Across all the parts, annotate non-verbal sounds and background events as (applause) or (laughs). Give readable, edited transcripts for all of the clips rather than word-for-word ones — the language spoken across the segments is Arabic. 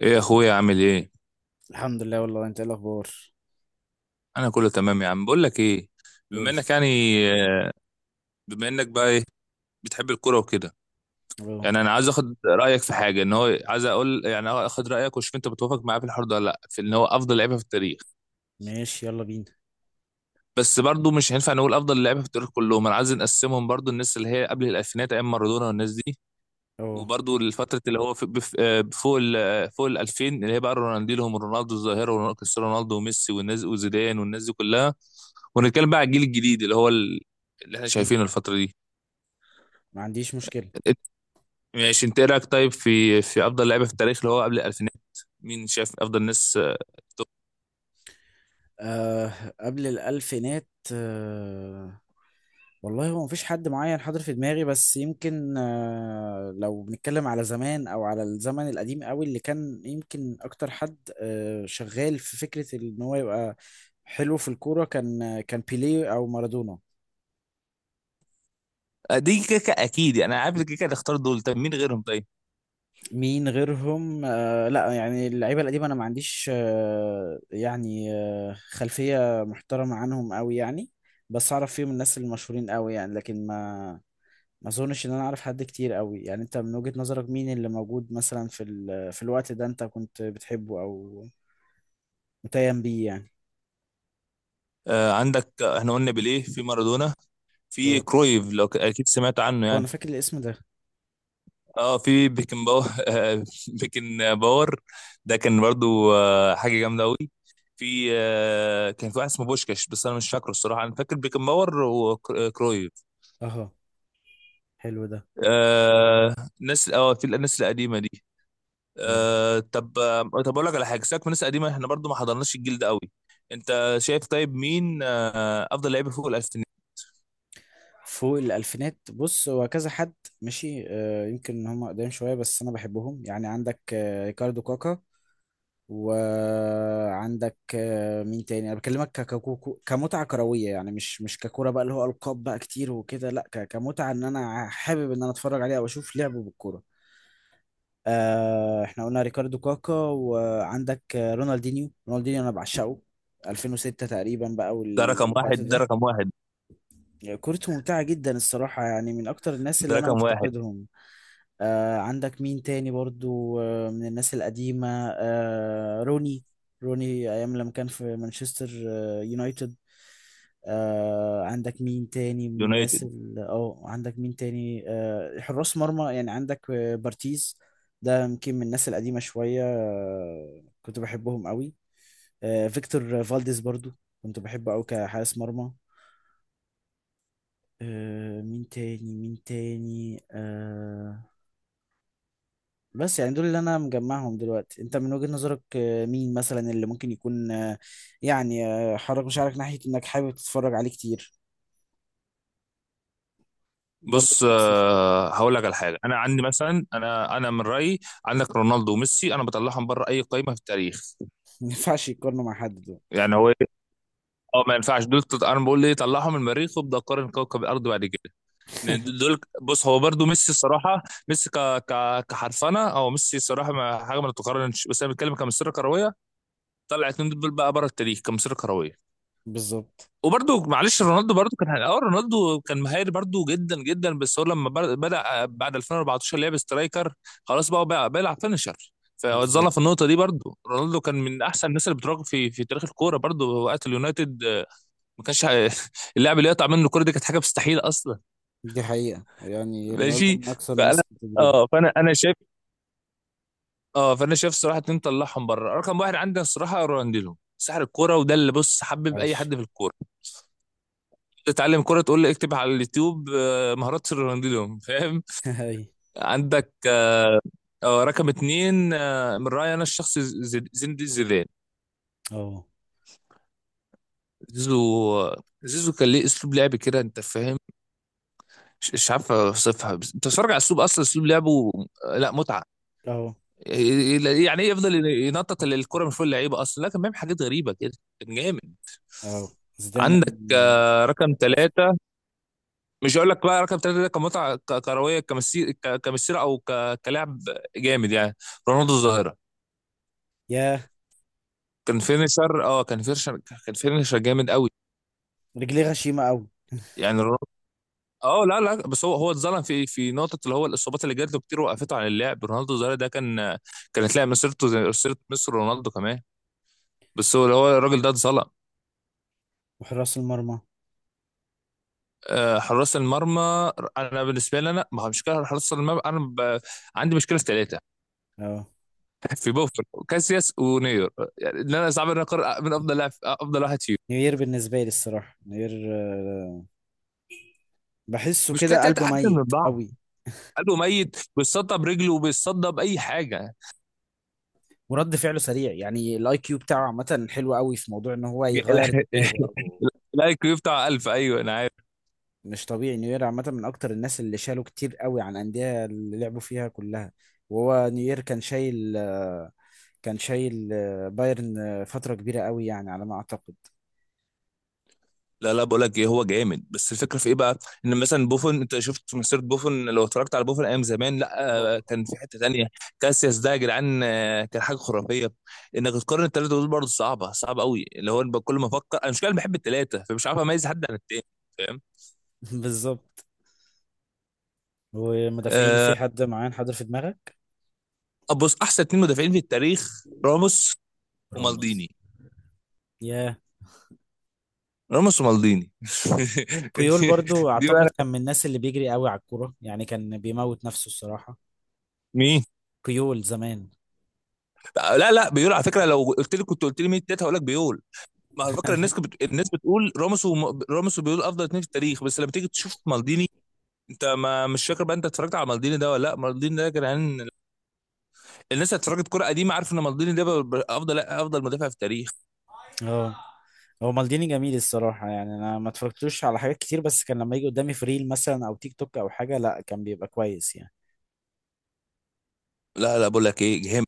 ايه يا اخويا، عامل ايه؟ الحمد لله. والله انت ايه الاخبار؟ انا كله تمام يا عم. بقول لك ايه، قول بما لي. انك يعني، آه، بما انك بقى ايه، بتحب الكوره وكده. اه، يعني انا عايز اخد رايك في حاجه، ان هو عايز اقول يعني اخد رايك واشوف انت بتوافق معايا في الحوار ده ولا لا، في ان هو افضل لعيبه في التاريخ. ماشي يلا بينا. بس برضو مش هينفع نقول افضل لعيبه في التاريخ كلهم، انا عايز نقسمهم برضو، الناس اللي هي قبل الالفينات ايام مارادونا والناس دي. اه، وبرضو الفتره اللي هو في فوق ال آه، فوق ال 2000 اللي هي بقى رونالدينو ورونالدو الظاهره وكريستيانو رونالدو وميسي والناس وزيدان والناس دي كلها. ونتكلم بقى على الجيل الجديد اللي احنا مم. شايفينه الفترة دي. ما عنديش مشكله. إت- ماشي، انت ايه رايك طيب في افضل لعيبة في التاريخ اللي هو قبل الالفينات، مين شايف افضل ناس؟ أه، قبل الالفينات. أه، والله هو مفيش حد معين حاضر في دماغي، بس يمكن لو بنتكلم على زمان او على الزمن القديم قوي، اللي كان يمكن اكتر حد شغال في فكره ان هو يبقى حلو في الكوره كان بيليه او مارادونا. دي كيكا اكيد، يعني انا عارف إن كيكا اللي اختار دول. طب مين غيرهم طيب؟ مين غيرهم؟ لا، يعني اللعيبه القديمه انا ما عنديش خلفيه محترمه عنهم قوي يعني، بس اعرف فيهم الناس المشهورين قوي، يعني لكن ما اظنش ان انا اعرف حد كتير قوي. يعني انت من وجهة نظرك مين اللي موجود مثلا في الوقت ده انت كنت بتحبه او متيم بيه يعني؟ آه عندك، احنا قلنا بيليه في مارادونا، في اه، كرويف، اكيد سمعت عنه هو انا يعني. فاكر الاسم ده. اه في بيكن باور (laughs) بيكن باور (laughs) ده كان برضو حاجة جامدة قوي. في كان في واحد اسمه بوشكاش، بس انا مش فاكره الصراحة، انا فاكر بيكن باور وكرويف. اهو، حلو ده. آه ناس، اه في الناس القديمه دي. مم. آه، طب اقول لك على حاجه، سيبك من الناس القديمه احنا برضو ما حضرناش الجيل ده قوي. انت شايف طيب مين افضل لعيب فوق الالفينات؟ فوق الالفينات؟ بص هو كذا حد. ماشي، يمكن ان هم قدام شويه بس انا بحبهم. يعني عندك ريكاردو كاكا، وعندك مين تاني؟ انا بكلمك كمتعه كرويه يعني، مش ككوره بقى اللي هو القاب بقى كتير وكده، لا، كمتعه ان انا حابب ان انا اتفرج عليه او اشوف لعبه بالكوره. احنا قلنا ريكاردو كاكا، وعندك رونالدينيو، انا بعشقه. 2006 تقريبا بقى ده رقم واحد، والوقت ده ده. رقم واحد، يعني كورته ممتعه جدا الصراحه، يعني من اكتر الناس ده اللي انا رقم واحد. مفتقدهم. عندك مين تاني برضو؟ من الناس القديمة، روني، أيام لما كان في مانشستر يونايتد. عندك مين تاني من الناس يونايتد. ال- اه عندك مين تاني؟ حراس مرمى يعني، عندك بارتيز، ده يمكن من الناس القديمة شوية كنت بحبهم قوي. فيكتور فالديز برضو، كنت بحبه قوي كحارس مرمى. مين تاني بس، يعني دول اللي انا مجمعهم دلوقتي. انت من وجهة نظرك مين مثلا اللي ممكن يكون يعني حرك مشاعرك ناحية انك حابب تتفرج عليه كتير، برضه في بص، مصر؟ هقول لك على حاجه، انا عندي مثلا، انا من رايي، عندك رونالدو وميسي انا بطلعهم بره اي قائمه في التاريخ. (laughs) ما ينفعش يقارنوا مع حد دول. يعني هو إيه؟ اه، ما ينفعش دول انا بقول ليه، طلعهم من المريخ وابدا قارن كوكب الارض بعد كده. لأن (laughs) دول بص هو برضو ميسي الصراحه، ميسي ك ك كحرفنه، او ميسي الصراحه ما حاجه ما تتقارنش، بس انا بتكلم كمسيره كرويه. طلع اتنين دول بقى بره التاريخ كمسيره كرويه. بالظبط. وبرضو معلش رونالدو برضو كان اه، رونالدو كان مهاري برضو جدا جدا، بس هو لما بدا بعد 2014 لعب سترايكر، خلاص بقى بيلعب فينشر. فاتظلم في بالظبط، النقطه دي، برضو رونالدو كان من احسن الناس اللي بتراقب في تاريخ الكوره برضو، وقت اليونايتد. ما كانش (laughs) اللاعب اللي يقطع منه الكوره، دي كانت حاجه مستحيله اصلا. دي حقيقة يعني، رونالدو ماشي، من اكثر الناس فانا، بتدريبل. اه فانا شايف، اه فانا شايف الصراحه، اتنين طلعهم بره، رقم واحد عندنا الصراحه رونالدينو، سحر الكوره، وده اللي بص حبب اي عايش. حد في الكوره. تتعلم كوره، تقول لي اكتب على اليوتيوب مهارات رونالدينو، فاهم. (laughs) هاي. عندك رقم اتنين، من رايي انا الشخص زين دي، زيدان. اهو. زيزو، زيزو كان ليه اسلوب لعب كده انت فاهم، مش عارف اوصفها، بس انت بتتفرج على اسلوب، اصلا اسلوب لعبه لا متعه. اهو. يعني ايه يفضل ينطط الكرة من فوق اللعيبه اصلا، لا كان بيعمل حاجات غريبه كده، كان جامد. اهو، زيدان عندك من... رقم (laughs) بس. ثلاثه. مش هقول لك بقى رقم ثلاثه ده كمتعه كرويه، كمسيره، او كلاعب جامد يعني. رونالدو الظاهره، يا، كان فينيشر، اه كان فينيشر، كان فينيشر جامد قوي رجليه غشيمة قوي. يعني. رونالدو، اه، لا لا بس هو اتظلم في نقطه اللي هو الاصابات، اللي جات له كتير وقفته عن اللعب. رونالدو الظاهره ده كان، كانت لاعب مسيرته زي مسيره مصر، رونالدو كمان. بس هو الراجل ده اتظلم. وحراس المرمى. حراس المرمى، انا بالنسبه لي انا، ما هو مشكله حراس المرمى، انا ب... عندي مشكله في ثلاثه، اهو، في بوفر وكاسياس ونير. يعني ان انا صعب ان أنا اقرر من افضل لاعب، افضل واحد فيهم. نوير بالنسبة لي الصراحة. نوير بحسه مشكله كده ثلاثه قلبه احسن من ميت بعض. قوي، قالوا ميت، بيتصدى برجله وبيتصدى باي حاجه. ورد فعله سريع. يعني الاي كيو بتاعه عامه حلو قوي في موضوع ان هو يغير (laughs) اتجاهه او، الاي كيو بتاع 1000، ايوه انا. مش طبيعي نوير عامه. من اكتر الناس اللي شالوا كتير قوي عن انديه اللي لعبوا فيها كلها. وهو نوير كان شايل بايرن فتره كبيره قوي، يعني على ما اعتقد. لا لا بقول لك ايه، هو جامد، بس الفكره في ايه بقى؟ ان مثلا بوفون، انت شفت مسيره بوفون؟ لو اتفرجت على بوفون ايام زمان، لا بابا. كان في حته تانية. كاسياس ده يا جدعان، كان حاجه خرافيه. انك تقارن الثلاثه دول برضه صعبه، صعبه قوي، اللي هو بقى كل ما افكر انا مش كده، بحب الثلاثه فمش عارف اميز حد عن التاني. فاهم. (laughs) بالظبط. ومدافعين، في آه، حد معين حاضر في دماغك؟ ابص، احسن اتنين مدافعين في التاريخ راموس راموس. ومالديني. ياه. راموس ومالديني. (laughs) بويول برضو دي اعتقد بقى كان من الناس اللي بيجري قوي على الكوره، يعني كان بيموت نفسه الصراحه. مين؟ خيول زمان. لا لا، بيقول على فكره، لو قلت لي كنت قلت لي مين التالت هقول لك بيقول، ما على فكره الناس (laughs) الناس بتقول راموس راموس بيقول افضل اتنين في التاريخ، بس لما تيجي تشوف مالديني. انت ما مش فاكر بقى، انت اتفرجت على مالديني ده ولا لا؟ مالديني ده كان الناس اللي اتفرجت كوره قديمه عارف ان مالديني ده افضل مدافع في التاريخ. اه، هو مالديني جميل الصراحة يعني. أنا ما اتفرجتلوش على حاجات كتير، بس كان لما يجي قدامي في ريل مثلا أو تيك توك أو حاجة، لأ كان بيبقى كويس يعني. لا لا بقول لك ايه جامد.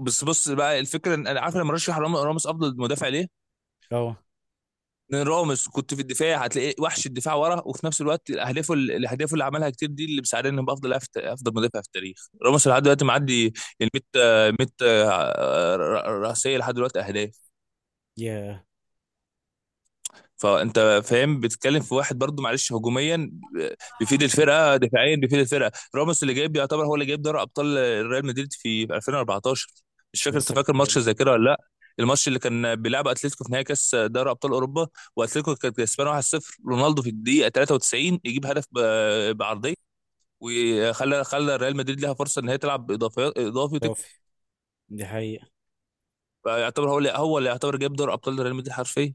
بس بص بقى، الفكره ان انا عارف لما رشح راموس افضل مدافع ليه. اه، راموس كنت في الدفاع هتلاقي وحش الدفاع ورا، وفي نفس الوقت الاهداف، اللي عملها كتير دي اللي مساعدني يبقى افضل افضل مدافع في التاريخ راموس، لحد دلوقتي معدي ال 100، 100 رأسية لحد دلوقتي اهداف. يا، فانت فاهم بتتكلم في واحد برضو معلش، هجوميا بيفيد الفرقه، دفاعيا بيفيد الفرقه. راموس اللي جايب، يعتبر هو اللي جايب دوري ابطال ريال مدريد في 2014. مش فاكر، انت لسه كنت فاكر ماتش بقول. زي كده ولا لا؟ الماتش اللي كان بيلعب اتلتيكو في نهائي كاس دوري ابطال اوروبا، واتلتيكو كانت كسبانه 1-0، رونالدو في الدقيقه 93 يجيب هدف بعرضيه، وخلى ريال مدريد لها فرصه ان هي تلعب اضافي، وتكسب. طافي، دي حقيقة. فيعتبر هو اللي يعتبر جايب دوري ابطال ريال مدريد حرفيا.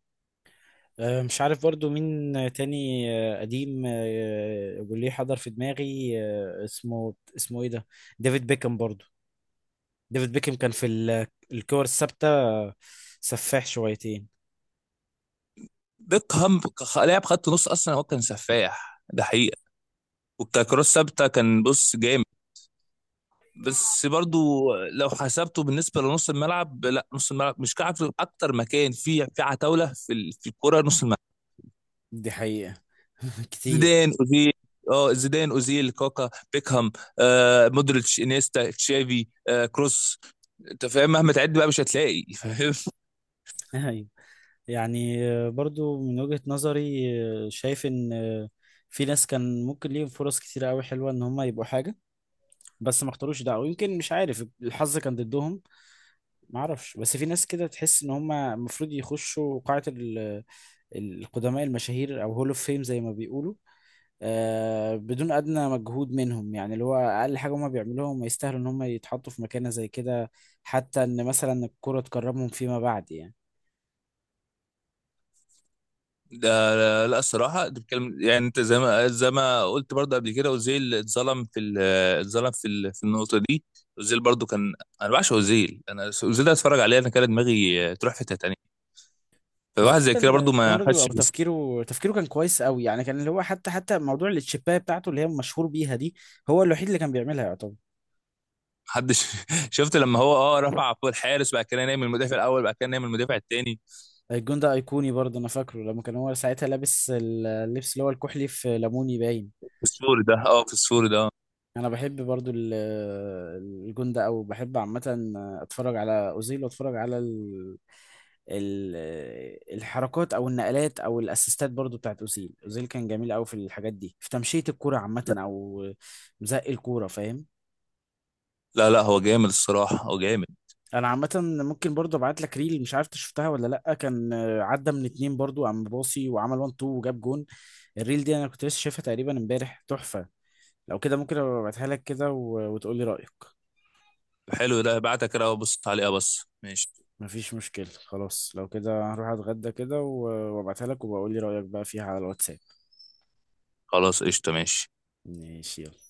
مش عارف برضو مين تاني. قديم وليه حضر في دماغي. اسمه ايه ده؟ ديفيد بيكم برضو. ديفيد بيكم كان في الكور الثابتة، سفاح شويتين. بيكهام لاعب خط نص اصلا، هو كان سفاح، ده حقيقه، والكروس ثابته كان بص جامد. بس برضو لو حسبته بالنسبه لنص الملعب، لا نص الملعب مش كعب، اكتر مكان فيه في عتاوله في في الكوره نص الملعب. دي حقيقة. (laughs) كتير. زيدان، اوزيل، اه زيدان اوزيل كاكا بيكهام آه مودريتش انيستا تشافي آه كروس. انت فاهم مهما تعد بقى مش هتلاقي (laughs) فاهم. (laughs) يعني برضو من وجهة نظري شايف ان في ناس كان ممكن ليهم فرص كتير قوي حلوة ان هم يبقوا حاجة، بس ما اختاروش ده، او يمكن مش عارف، الحظ كان ضدهم. ما اعرفش، بس في ناس كده تحس ان هم المفروض يخشوا القدماء المشاهير، او هول اوف فيم زي ما بيقولوا، بدون ادنى مجهود منهم. يعني اللي هو اقل حاجه هم بيعملوها هم يستاهلوا ان هم يتحطوا في مكانه زي كده، حتى ان مثلا الكره تكرمهم فيما بعد يعني. ده لا لا، الصراحة انت بتتكلم يعني انت زي ما قلت برضه قبل كده، اوزيل اتظلم في في النقطة دي. اوزيل برضه كان، انا بعشق اوزيل، انا اوزيل ده اتفرج عليه انا، كان دماغي تروح في حتة تانية. وزي فواحد زي كان كده برضه ما دماغه او خدش تفكيره كان كويس قوي، يعني كان اللي هو حتى موضوع التشيبايه بتاعته اللي هي مشهور بيها دي، هو الوحيد اللي كان بيعملها يعتبر. محدش. (laughs) شفت لما هو اه رفع فوق الحارس، بعد كده نايم المدافع الاول، بعد كده نايم المدافع التاني. الجون ده ايقوني برضه. انا فاكره لما كان هو ساعتها لابس اللبس اللي هو الكحلي في ليموني باين. في السوري ده، اه في السوري ده. انا بحب برضه الجون ده، او بحب عامه اتفرج على اوزيل، واتفرج على ال... الحركات او النقلات او الاسيستات برضه بتاعت اوزيل. اوزيل كان جميل قوي في الحاجات دي، في تمشيه الكوره عامه او مزق الكوره، فاهم؟ لا لا هو جامد الصراحة، هو جامد. انا عامه ممكن برضو ابعت لك ريل، مش عارف إنت شفتها ولا لا. كان عدى من اتنين برضو، قام باصي وعمل 1 2 وجاب جون. الريل دي انا كنت لسه شايفها تقريبا امبارح، تحفه. لو كده ممكن أبقى ابعتها لك كده وتقول لي رايك. حلو ده، بعتها كده بص عليه بس، ماشي. مفيش مشكله، خلاص. لو كده هروح اتغدى كده وابعتها لك، وبقول لي رايك بقى فيها على الواتساب. خلاص قشطة، ماشي. ماشي، يلا.